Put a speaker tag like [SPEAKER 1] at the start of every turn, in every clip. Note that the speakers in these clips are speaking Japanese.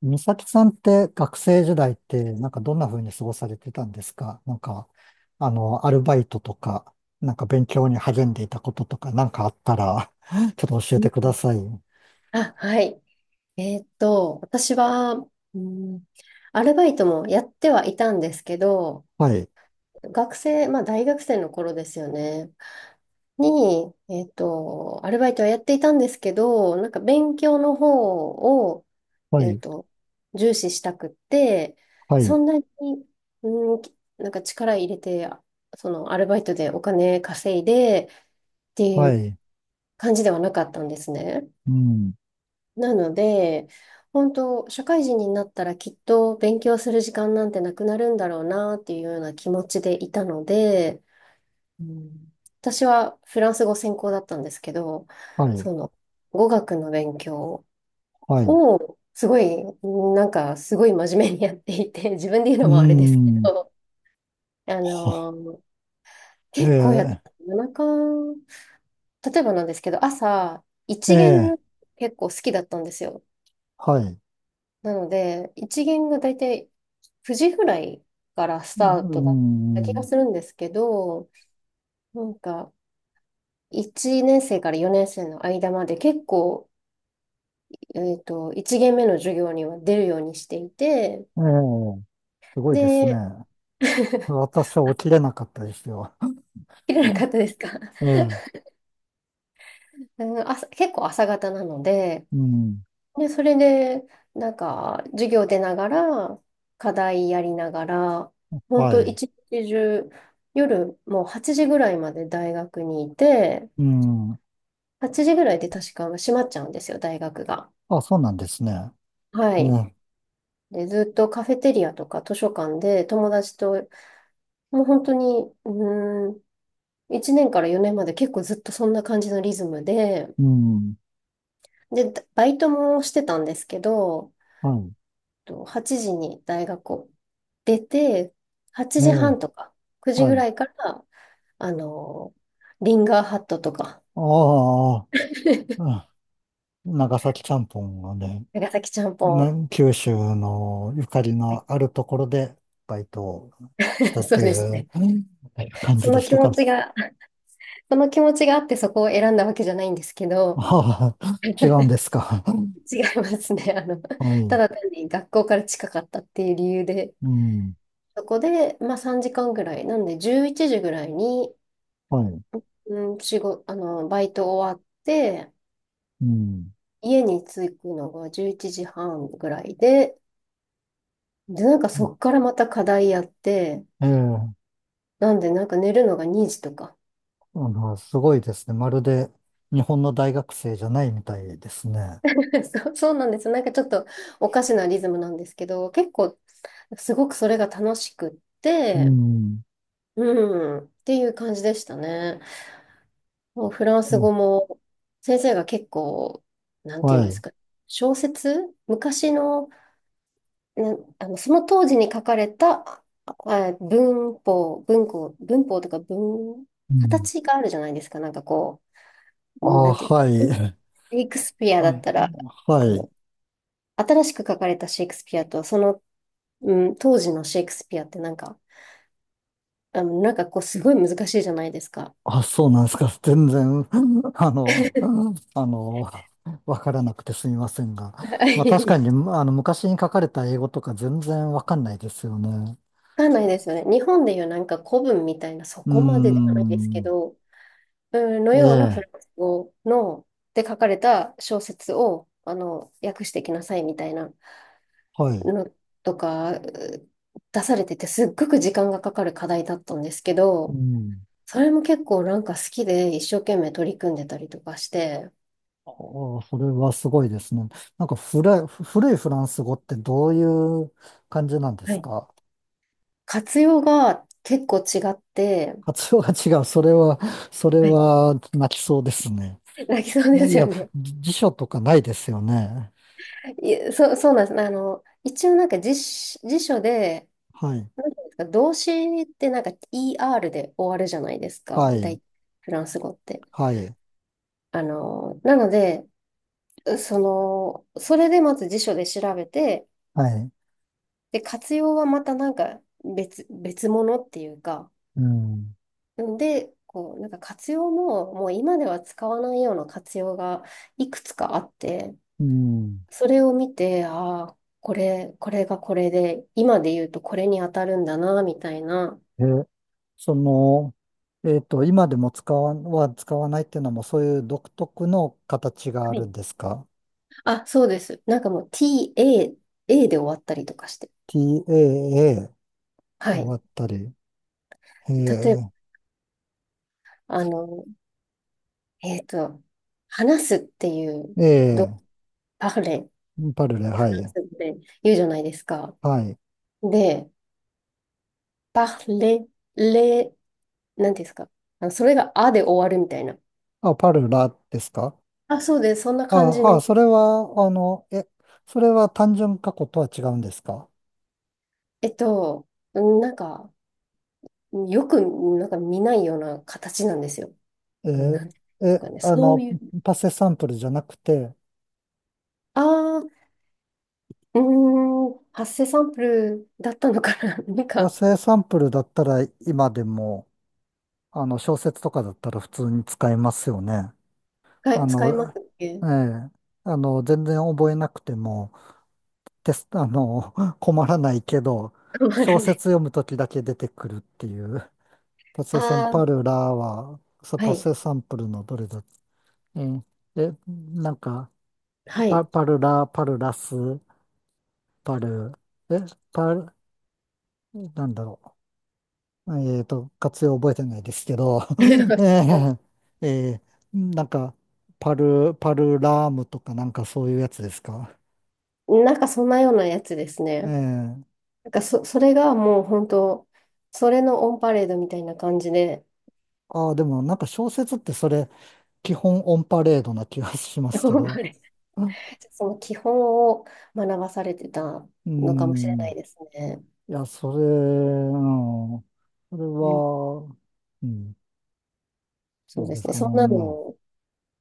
[SPEAKER 1] 美咲さんって学生時代ってなんかどんな風に過ごされてたんですか？なんか、アルバイトとか、なんか勉強に励んでいたこととかなんかあったら ちょっと教えてください。
[SPEAKER 2] あ、はい。私は、うん、アルバイトもやってはいたんですけど、
[SPEAKER 1] はい。
[SPEAKER 2] 学生、まあ大学生の頃ですよね、に、アルバイトはやっていたんですけど、なんか勉強の方を、
[SPEAKER 1] は
[SPEAKER 2] えーっ
[SPEAKER 1] い。
[SPEAKER 2] と、重視したくって、
[SPEAKER 1] は
[SPEAKER 2] そ
[SPEAKER 1] い。
[SPEAKER 2] んなに、うん、なんか力入れて、そのアルバイトでお金稼いでってい
[SPEAKER 1] は
[SPEAKER 2] う
[SPEAKER 1] い。
[SPEAKER 2] 感じではなかったんですね。
[SPEAKER 1] うん。
[SPEAKER 2] なので、本当、社会人になったらきっと勉強する時間なんてなくなるんだろうなっていうような気持ちでいたので、うん、私はフランス語専攻だったんですけど、
[SPEAKER 1] はい。
[SPEAKER 2] その語学の勉強
[SPEAKER 1] はい。
[SPEAKER 2] をすごい、なんかすごい真面目にやっていて、自分で言う
[SPEAKER 1] う
[SPEAKER 2] のもあれですけ
[SPEAKER 1] ん。
[SPEAKER 2] ど、あ
[SPEAKER 1] は
[SPEAKER 2] の
[SPEAKER 1] え
[SPEAKER 2] 結構やって
[SPEAKER 1] え、
[SPEAKER 2] た、夜中、例えばなんですけど、朝、
[SPEAKER 1] え
[SPEAKER 2] 一
[SPEAKER 1] え、
[SPEAKER 2] 限結構好きだったんですよ。
[SPEAKER 1] はい、
[SPEAKER 2] なので、一限が大体9時ぐらいからスタ
[SPEAKER 1] う
[SPEAKER 2] ートだった気が
[SPEAKER 1] ん、
[SPEAKER 2] するんですけど、なんか1年生から4年生の間まで結構、1限目の授業には出るようにしていて、
[SPEAKER 1] ええ。すごいですね。
[SPEAKER 2] で、
[SPEAKER 1] 私は起きれなかったですよ。
[SPEAKER 2] 切れ
[SPEAKER 1] う
[SPEAKER 2] なかっ
[SPEAKER 1] ん。
[SPEAKER 2] たですか
[SPEAKER 1] ええ、
[SPEAKER 2] うん、朝、結構朝方なので、
[SPEAKER 1] うん、
[SPEAKER 2] で、それで、なんか、授業出ながら、課題やりながら、本
[SPEAKER 1] は
[SPEAKER 2] 当
[SPEAKER 1] い、
[SPEAKER 2] 一日中、夜もう8時ぐらいまで大学にいて、
[SPEAKER 1] うん。
[SPEAKER 2] 8時ぐらいで確か閉まっちゃうんですよ、大学が。
[SPEAKER 1] あ、そうなんですね。
[SPEAKER 2] はい。
[SPEAKER 1] ね、
[SPEAKER 2] で、ずっとカフェテリアとか図書館で友達と、もう本当に、1年から4年まで結構ずっとそんな感じのリズムで、
[SPEAKER 1] うん、
[SPEAKER 2] で、バイトもしてたんですけど、
[SPEAKER 1] は
[SPEAKER 2] と8時に大学を出て、8
[SPEAKER 1] い。え
[SPEAKER 2] 時
[SPEAKER 1] え、
[SPEAKER 2] 半とか9時
[SPEAKER 1] は
[SPEAKER 2] ぐ
[SPEAKER 1] い。
[SPEAKER 2] らいから、あの、リンガーハットとか、
[SPEAKER 1] あ あ、うん、長崎ちゃんぽんがね、
[SPEAKER 2] 長崎ちゃんぽ
[SPEAKER 1] な
[SPEAKER 2] ん、
[SPEAKER 1] 九州のゆかり
[SPEAKER 2] はい
[SPEAKER 1] のあるところでバイトをした っ
[SPEAKER 2] そう
[SPEAKER 1] て
[SPEAKER 2] です
[SPEAKER 1] いう
[SPEAKER 2] ね。
[SPEAKER 1] 感
[SPEAKER 2] そ
[SPEAKER 1] じで
[SPEAKER 2] の
[SPEAKER 1] し
[SPEAKER 2] 気
[SPEAKER 1] た
[SPEAKER 2] 持
[SPEAKER 1] か？
[SPEAKER 2] ちがその気持ちがあってそこを選んだわけじゃないんですけど、
[SPEAKER 1] ああ、違うん ですか？
[SPEAKER 2] 違いますね。
[SPEAKER 1] は
[SPEAKER 2] た
[SPEAKER 1] い。
[SPEAKER 2] だ単に学校から近かったっていう理由で、
[SPEAKER 1] うん、
[SPEAKER 2] そこで、まあ3時間ぐらい、なんで11時ぐらいに、
[SPEAKER 1] はい。
[SPEAKER 2] うん、仕事、あの、バイト終わって、
[SPEAKER 1] うん。
[SPEAKER 2] 家に着くのが11時半ぐらいで、で、なんかそっからまた課題やって、
[SPEAKER 1] ええ、
[SPEAKER 2] なんでなんか寝るのが2時とか。
[SPEAKER 1] すごいですね。まるで日本の大学生じゃないみたいですね。
[SPEAKER 2] そうそうなんです。なんかちょっとおかしなリズムなんですけど、結構すごくそれが楽しくっ
[SPEAKER 1] う
[SPEAKER 2] て、
[SPEAKER 1] ん、
[SPEAKER 2] うん、っていう感じでしたね。もうフラン
[SPEAKER 1] う
[SPEAKER 2] ス
[SPEAKER 1] ん、
[SPEAKER 2] 語も先生が結構、なんていうん
[SPEAKER 1] は
[SPEAKER 2] です
[SPEAKER 1] い。
[SPEAKER 2] か、小説昔の、な、その当時に書かれたあ文法とか
[SPEAKER 1] うん、
[SPEAKER 2] 形があるじゃないですか。なんかこう、な
[SPEAKER 1] あ、
[SPEAKER 2] んていう
[SPEAKER 1] は
[SPEAKER 2] んですか
[SPEAKER 1] い。
[SPEAKER 2] シェイクスピア
[SPEAKER 1] あ、
[SPEAKER 2] だったら、
[SPEAKER 1] は
[SPEAKER 2] あ
[SPEAKER 1] い。
[SPEAKER 2] の、新しく書かれたシェイクスピアと、その、うん、当時のシェイクスピアってなんか、なんかこう、すごい難しいじゃないですか。
[SPEAKER 1] あ、そうなんですか？全然、あの、あの、わからなくてすみませんが。
[SPEAKER 2] は
[SPEAKER 1] まあ確か
[SPEAKER 2] い、
[SPEAKER 1] に、昔に書かれた英語とか全然わかんないですよね。
[SPEAKER 2] わかんないですよね。日本でいうなんか古文みたいな、そ
[SPEAKER 1] うー
[SPEAKER 2] こまでではないですけ
[SPEAKER 1] ん。
[SPEAKER 2] ど、うんの
[SPEAKER 1] え
[SPEAKER 2] ようなフ
[SPEAKER 1] え、
[SPEAKER 2] ランス語の、で書かれた小説を、訳してきなさいみたいな
[SPEAKER 1] はい。
[SPEAKER 2] のとか、出されてて、すっごく時間がかかる課題だったんですけ
[SPEAKER 1] う
[SPEAKER 2] ど、
[SPEAKER 1] ん。
[SPEAKER 2] それも結構なんか好きで一生懸命取り組んでたりとかして、
[SPEAKER 1] ああ、それはすごいですね。なんか古い、古いフランス語ってどういう感じなんで
[SPEAKER 2] は
[SPEAKER 1] す
[SPEAKER 2] い、
[SPEAKER 1] か？
[SPEAKER 2] 活用が結構違って、
[SPEAKER 1] 発音が違う。それは、それ
[SPEAKER 2] はい
[SPEAKER 1] は泣きそうですね。
[SPEAKER 2] 泣きそうで
[SPEAKER 1] い
[SPEAKER 2] すよ
[SPEAKER 1] や、
[SPEAKER 2] ね。
[SPEAKER 1] 辞書とかないですよね。
[SPEAKER 2] いや、そうなんです。一応なんか辞書で、
[SPEAKER 1] はい。
[SPEAKER 2] なんていうんですか、動詞ってなんか ER で終わるじゃないですか、
[SPEAKER 1] はい。
[SPEAKER 2] フランス語って。
[SPEAKER 1] はい。
[SPEAKER 2] なので、その、それでまず辞書で調べて、
[SPEAKER 1] はい。
[SPEAKER 2] で、活用はまたなんか別物っていうか、
[SPEAKER 1] うん。
[SPEAKER 2] で、こう、なんか活用も、もう今では使わないような活用がいくつかあって、
[SPEAKER 1] うん。
[SPEAKER 2] それを見て、ああ、これがこれで、今で言うとこれに当たるんだな、みたいな。
[SPEAKER 1] え、その、えっと、今でも使わないっていうのも、そういう独特の形があ
[SPEAKER 2] は
[SPEAKER 1] るん
[SPEAKER 2] い、
[SPEAKER 1] ですか？
[SPEAKER 2] あ、そうです。なんかもう TA、A で終わったりとかして。
[SPEAKER 1] TAA っ
[SPEAKER 2] は
[SPEAKER 1] てわ
[SPEAKER 2] い。
[SPEAKER 1] ったり。え
[SPEAKER 2] 例えば、
[SPEAKER 1] え、
[SPEAKER 2] あの、えっと、話すっていう、ど、
[SPEAKER 1] え
[SPEAKER 2] パフレ、フ
[SPEAKER 1] え、パルレ、
[SPEAKER 2] ラ
[SPEAKER 1] は
[SPEAKER 2] ン
[SPEAKER 1] い。
[SPEAKER 2] ス語で言うじゃないですか。
[SPEAKER 1] はい。
[SPEAKER 2] で、パフレ、レ、なんていうんですか。あのそれがあで終わるみたいな。
[SPEAKER 1] あ、パルラですか？
[SPEAKER 2] あ、そうです。そんな感じ
[SPEAKER 1] ああ、
[SPEAKER 2] の、
[SPEAKER 1] それは、それは単純過去とは違うんですか？
[SPEAKER 2] えっと、なんか、よく、なんか見ないような形なんですよ。
[SPEAKER 1] え
[SPEAKER 2] な
[SPEAKER 1] ー
[SPEAKER 2] んていうんです
[SPEAKER 1] え、
[SPEAKER 2] かね。そういう、
[SPEAKER 1] パセサンプルじゃなくて、
[SPEAKER 2] ああ、発生サンプルだったのかな なん
[SPEAKER 1] パ
[SPEAKER 2] か、
[SPEAKER 1] セサンプルだったら今でも、あの、小説とかだったら普通に使えますよね。あ
[SPEAKER 2] 使います
[SPEAKER 1] の、
[SPEAKER 2] っけ
[SPEAKER 1] ええ、全然覚えなくても、テスト、困らないけど、
[SPEAKER 2] 困
[SPEAKER 1] 小
[SPEAKER 2] るね。
[SPEAKER 1] 説読むときだけ出てくるっていう。パセサン
[SPEAKER 2] あ
[SPEAKER 1] パ
[SPEAKER 2] あ、
[SPEAKER 1] ルラは、そう
[SPEAKER 2] は
[SPEAKER 1] パ
[SPEAKER 2] い、
[SPEAKER 1] セサンプルのどれだ、ええ、でなんか、
[SPEAKER 2] はい。
[SPEAKER 1] パルラ、パルラス、パル、え、パル、なんだろう。えっと、活用覚えてないですけど、えー、えなんか、パルラームとかなんかそういうやつですか。
[SPEAKER 2] なんかそんなようなやつですね。
[SPEAKER 1] ええ、
[SPEAKER 2] なんかそれがもう本当、それのオンパレードみたいな感じで、
[SPEAKER 1] ああ、でもなんか小説ってそれ、基本オンパレードな気がしますけ
[SPEAKER 2] オンパ
[SPEAKER 1] ど。
[SPEAKER 2] レード。その基本を学ばされてた
[SPEAKER 1] う
[SPEAKER 2] のかもしれな
[SPEAKER 1] ん。
[SPEAKER 2] いですね。
[SPEAKER 1] いや、それ、うん。それ
[SPEAKER 2] うん、
[SPEAKER 1] は、うん、
[SPEAKER 2] そ
[SPEAKER 1] そ
[SPEAKER 2] う
[SPEAKER 1] う
[SPEAKER 2] で
[SPEAKER 1] で
[SPEAKER 2] す
[SPEAKER 1] す
[SPEAKER 2] ね。
[SPEAKER 1] かね。
[SPEAKER 2] そんな
[SPEAKER 1] まあ、
[SPEAKER 2] の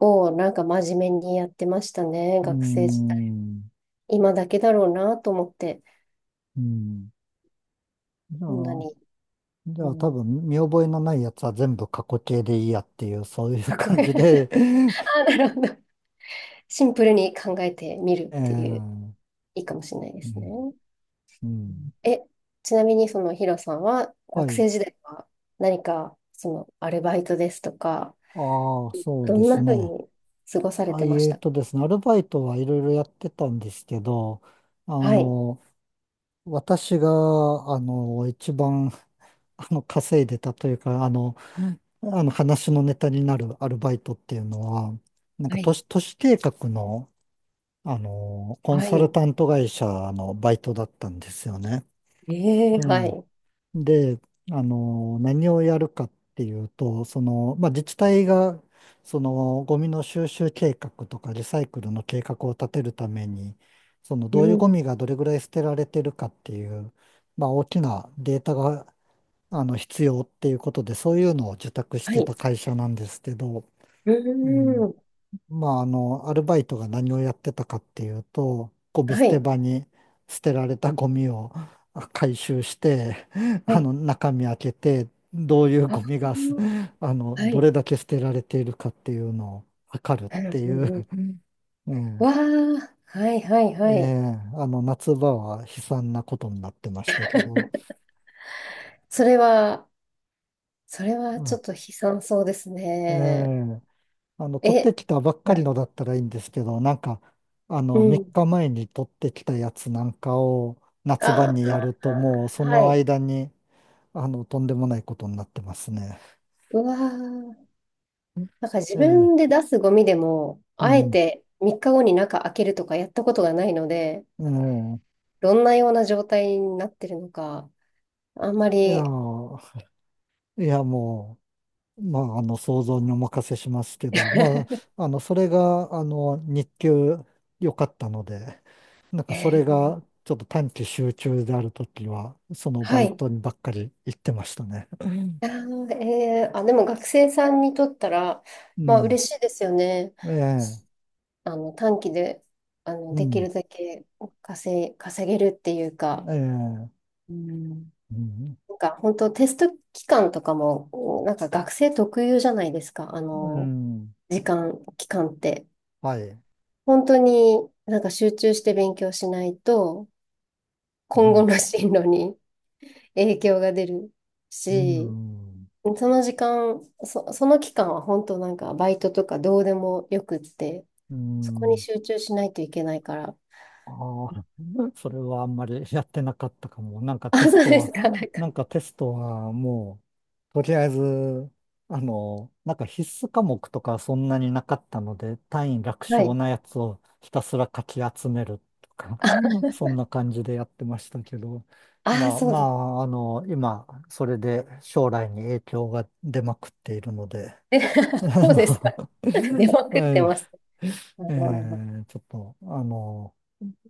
[SPEAKER 2] をなんか真面目にやってましたね、
[SPEAKER 1] う
[SPEAKER 2] 学生時代。
[SPEAKER 1] ん。
[SPEAKER 2] 今だけだろうなと思って、
[SPEAKER 1] うん。じゃ
[SPEAKER 2] こんな
[SPEAKER 1] あ、
[SPEAKER 2] に。
[SPEAKER 1] じ
[SPEAKER 2] う
[SPEAKER 1] ゃあ多
[SPEAKER 2] ん、
[SPEAKER 1] 分見覚えのないやつは全部過去形でいいやっていう、そういう
[SPEAKER 2] かっ
[SPEAKER 1] 感
[SPEAKER 2] こいい。
[SPEAKER 1] じで。
[SPEAKER 2] あ、 なるほど。シンプルに考えてみる
[SPEAKER 1] え
[SPEAKER 2] っていう、
[SPEAKER 1] ー、
[SPEAKER 2] いいかもしれないで
[SPEAKER 1] う
[SPEAKER 2] すね。
[SPEAKER 1] ん、うん。
[SPEAKER 2] え、ちなみにそのヒロさんは、
[SPEAKER 1] は
[SPEAKER 2] 学
[SPEAKER 1] い。
[SPEAKER 2] 生時代は何か、そのアルバイトですとか、
[SPEAKER 1] ああ、そう
[SPEAKER 2] ど
[SPEAKER 1] で
[SPEAKER 2] ん
[SPEAKER 1] す
[SPEAKER 2] なふう
[SPEAKER 1] ね。
[SPEAKER 2] に過ごされ
[SPEAKER 1] あ、
[SPEAKER 2] てまし
[SPEAKER 1] えー
[SPEAKER 2] たか？
[SPEAKER 1] とですね、アルバイトはいろいろやってたんですけど、あ
[SPEAKER 2] はい。
[SPEAKER 1] の、私が、一番、稼いでたというか、あの話のネタになるアルバイトっていうのは、なん
[SPEAKER 2] は
[SPEAKER 1] か都
[SPEAKER 2] い。
[SPEAKER 1] 市、都市計画のコン
[SPEAKER 2] は
[SPEAKER 1] サル
[SPEAKER 2] い。
[SPEAKER 1] タント会社のバイトだったんですよね。
[SPEAKER 2] ええ、
[SPEAKER 1] う
[SPEAKER 2] は
[SPEAKER 1] ん。
[SPEAKER 2] い。
[SPEAKER 1] で、何をやるかっていうと、その、まあ、自治体が、その、ゴミの収集計画とかリサイクルの計画を立てるために、その、
[SPEAKER 2] う
[SPEAKER 1] どういうゴ
[SPEAKER 2] ん。
[SPEAKER 1] ミがどれぐらい捨てられてるかっていう、まあ、大きなデータが、必要っていうことで、そういうのを受託し
[SPEAKER 2] は
[SPEAKER 1] て
[SPEAKER 2] い。
[SPEAKER 1] た会社なんですけど、
[SPEAKER 2] う
[SPEAKER 1] うん。
[SPEAKER 2] ん。
[SPEAKER 1] まあ、アルバイトが何をやってたかっていうと、ゴミ
[SPEAKER 2] は
[SPEAKER 1] 捨て
[SPEAKER 2] い。
[SPEAKER 1] 場に捨てられたゴミを あ回収して、
[SPEAKER 2] はい。
[SPEAKER 1] 中身開けて、どういう
[SPEAKER 2] あ
[SPEAKER 1] ゴミがす、
[SPEAKER 2] ー、は
[SPEAKER 1] ど
[SPEAKER 2] い。
[SPEAKER 1] れだけ捨てられているかっていうのを測るっ
[SPEAKER 2] うんう
[SPEAKER 1] ていう、
[SPEAKER 2] んうん。
[SPEAKER 1] ね、
[SPEAKER 2] わあ、はいはい
[SPEAKER 1] え
[SPEAKER 2] は
[SPEAKER 1] え
[SPEAKER 2] い。
[SPEAKER 1] え夏場は悲惨なことになってましたけど、
[SPEAKER 2] それは、それは
[SPEAKER 1] う
[SPEAKER 2] ちょ
[SPEAKER 1] ん、
[SPEAKER 2] っと悲惨そうです
[SPEAKER 1] え
[SPEAKER 2] ね。
[SPEAKER 1] え、取っ
[SPEAKER 2] え、
[SPEAKER 1] てきたばっかり
[SPEAKER 2] な
[SPEAKER 1] のだったらいいんですけど、なんか、
[SPEAKER 2] う
[SPEAKER 1] 3
[SPEAKER 2] ん。
[SPEAKER 1] 日前に取ってきたやつなんかを夏場
[SPEAKER 2] あ
[SPEAKER 1] にや
[SPEAKER 2] あ、
[SPEAKER 1] ると、もうそ
[SPEAKER 2] は
[SPEAKER 1] の
[SPEAKER 2] い。
[SPEAKER 1] 間に、とんでもないことになってますね。
[SPEAKER 2] うわー、なんか自
[SPEAKER 1] ええ、
[SPEAKER 2] 分で出すゴミでも、
[SPEAKER 1] う
[SPEAKER 2] あえ
[SPEAKER 1] ん、
[SPEAKER 2] て3日後に中開けるとかやったことがないので、
[SPEAKER 1] え
[SPEAKER 2] どんなような状態になってるのか、あんま
[SPEAKER 1] え、いや
[SPEAKER 2] り、
[SPEAKER 1] ー、いや、もまあ、想像にお任せしますけど、ま あ、それが、日給良かったので、なんかそれ
[SPEAKER 2] えー
[SPEAKER 1] が、ちょっと短期集中であるときは、そのバ
[SPEAKER 2] は
[SPEAKER 1] イ
[SPEAKER 2] い。
[SPEAKER 1] トにばっかり行ってましたね。うん。
[SPEAKER 2] あー、でも学生さんにとったら、
[SPEAKER 1] う
[SPEAKER 2] まあ
[SPEAKER 1] ん、
[SPEAKER 2] 嬉しいですよね。
[SPEAKER 1] ええ、
[SPEAKER 2] 短期で、
[SPEAKER 1] う
[SPEAKER 2] でき
[SPEAKER 1] ん、
[SPEAKER 2] るだけ稼げるっていうか。
[SPEAKER 1] ええ、
[SPEAKER 2] うん、
[SPEAKER 1] うん、
[SPEAKER 2] なんか本当テスト期間とかも、なんか学生特有じゃないですか。
[SPEAKER 1] うん、
[SPEAKER 2] 時間、期間って。
[SPEAKER 1] はい、
[SPEAKER 2] 本当になんか集中して勉強しないと、
[SPEAKER 1] う
[SPEAKER 2] 今後
[SPEAKER 1] ん、
[SPEAKER 2] の進路に影響が出る
[SPEAKER 1] う
[SPEAKER 2] し、
[SPEAKER 1] ん、
[SPEAKER 2] その時間、その期間は本当なんかバイトとかどうでもよくって、
[SPEAKER 1] う
[SPEAKER 2] そこに
[SPEAKER 1] ん。
[SPEAKER 2] 集中しないといけないから。
[SPEAKER 1] ああ、それはあんまりやってなかったかも。なんか
[SPEAKER 2] あ、
[SPEAKER 1] テス
[SPEAKER 2] そう
[SPEAKER 1] ト
[SPEAKER 2] で
[SPEAKER 1] は、
[SPEAKER 2] すか。なんか、
[SPEAKER 1] なんかテストはもう、とりあえず、なんか必須科目とかそんなになかったので、単位楽
[SPEAKER 2] は
[SPEAKER 1] 勝
[SPEAKER 2] い。
[SPEAKER 1] なやつをひたすらかき集めるとか、そんな感じでやってましたけど、
[SPEAKER 2] ああ、
[SPEAKER 1] まあ、
[SPEAKER 2] そう
[SPEAKER 1] ま
[SPEAKER 2] だ。
[SPEAKER 1] あ、今、それで将来に影響が出まくっているので、あ
[SPEAKER 2] そう
[SPEAKER 1] の、
[SPEAKER 2] ですか。出ま くって
[SPEAKER 1] え
[SPEAKER 2] ます。
[SPEAKER 1] え、え
[SPEAKER 2] う
[SPEAKER 1] え、ちょっと、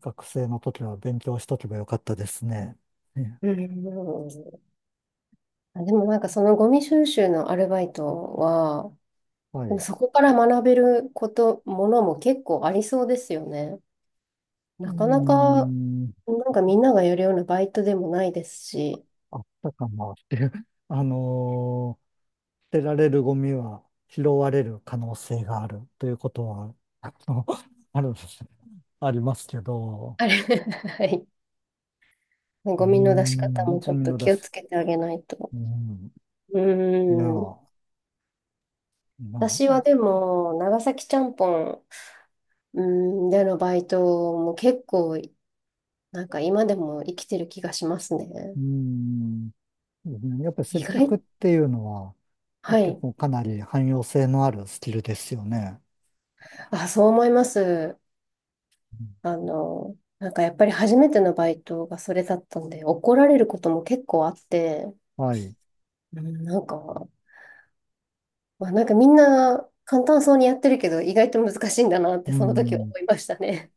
[SPEAKER 1] 学生の時は勉強しとけばよかったですね。ね、
[SPEAKER 2] ん、あ、でもなんかそのゴミ収集のアルバイトは、
[SPEAKER 1] はい。
[SPEAKER 2] でも
[SPEAKER 1] う
[SPEAKER 2] そこから学べること、ものも結構ありそうですよね。
[SPEAKER 1] ー
[SPEAKER 2] なかなか、
[SPEAKER 1] ん、
[SPEAKER 2] なんかみんながやるようなバイトでもないですし、
[SPEAKER 1] あったかなっていう。あのー、捨てられるゴミは拾われる可能性があるということは、あの、ある、ありますけど、
[SPEAKER 2] あれ、はい。
[SPEAKER 1] うー
[SPEAKER 2] ゴミの出し方
[SPEAKER 1] ん、
[SPEAKER 2] もち
[SPEAKER 1] ゴ
[SPEAKER 2] ょっ
[SPEAKER 1] ミ
[SPEAKER 2] と
[SPEAKER 1] の出
[SPEAKER 2] 気を
[SPEAKER 1] し、
[SPEAKER 2] つけてあげないと。
[SPEAKER 1] うーん、
[SPEAKER 2] う
[SPEAKER 1] いや、
[SPEAKER 2] ーん。
[SPEAKER 1] まあ、
[SPEAKER 2] 私はでも、長崎ちゃんぽん、うでのバイトも結構、なんか今でも生きてる気がしますね。
[SPEAKER 1] うーん、やっぱり接
[SPEAKER 2] 意外、
[SPEAKER 1] 客っていうのは、
[SPEAKER 2] は
[SPEAKER 1] 結
[SPEAKER 2] い。
[SPEAKER 1] 構かなり汎用性のあるスキルですよね。
[SPEAKER 2] あ、そう思います。
[SPEAKER 1] うん、
[SPEAKER 2] なんかやっぱり初めてのバイトがそれだったんで、怒られることも結構あって、
[SPEAKER 1] はい。う
[SPEAKER 2] うん、なんか、まあ、なんかみんな簡単そうにやってるけど、意外と難しいんだなって
[SPEAKER 1] ー
[SPEAKER 2] その時思
[SPEAKER 1] ん。
[SPEAKER 2] いましたね。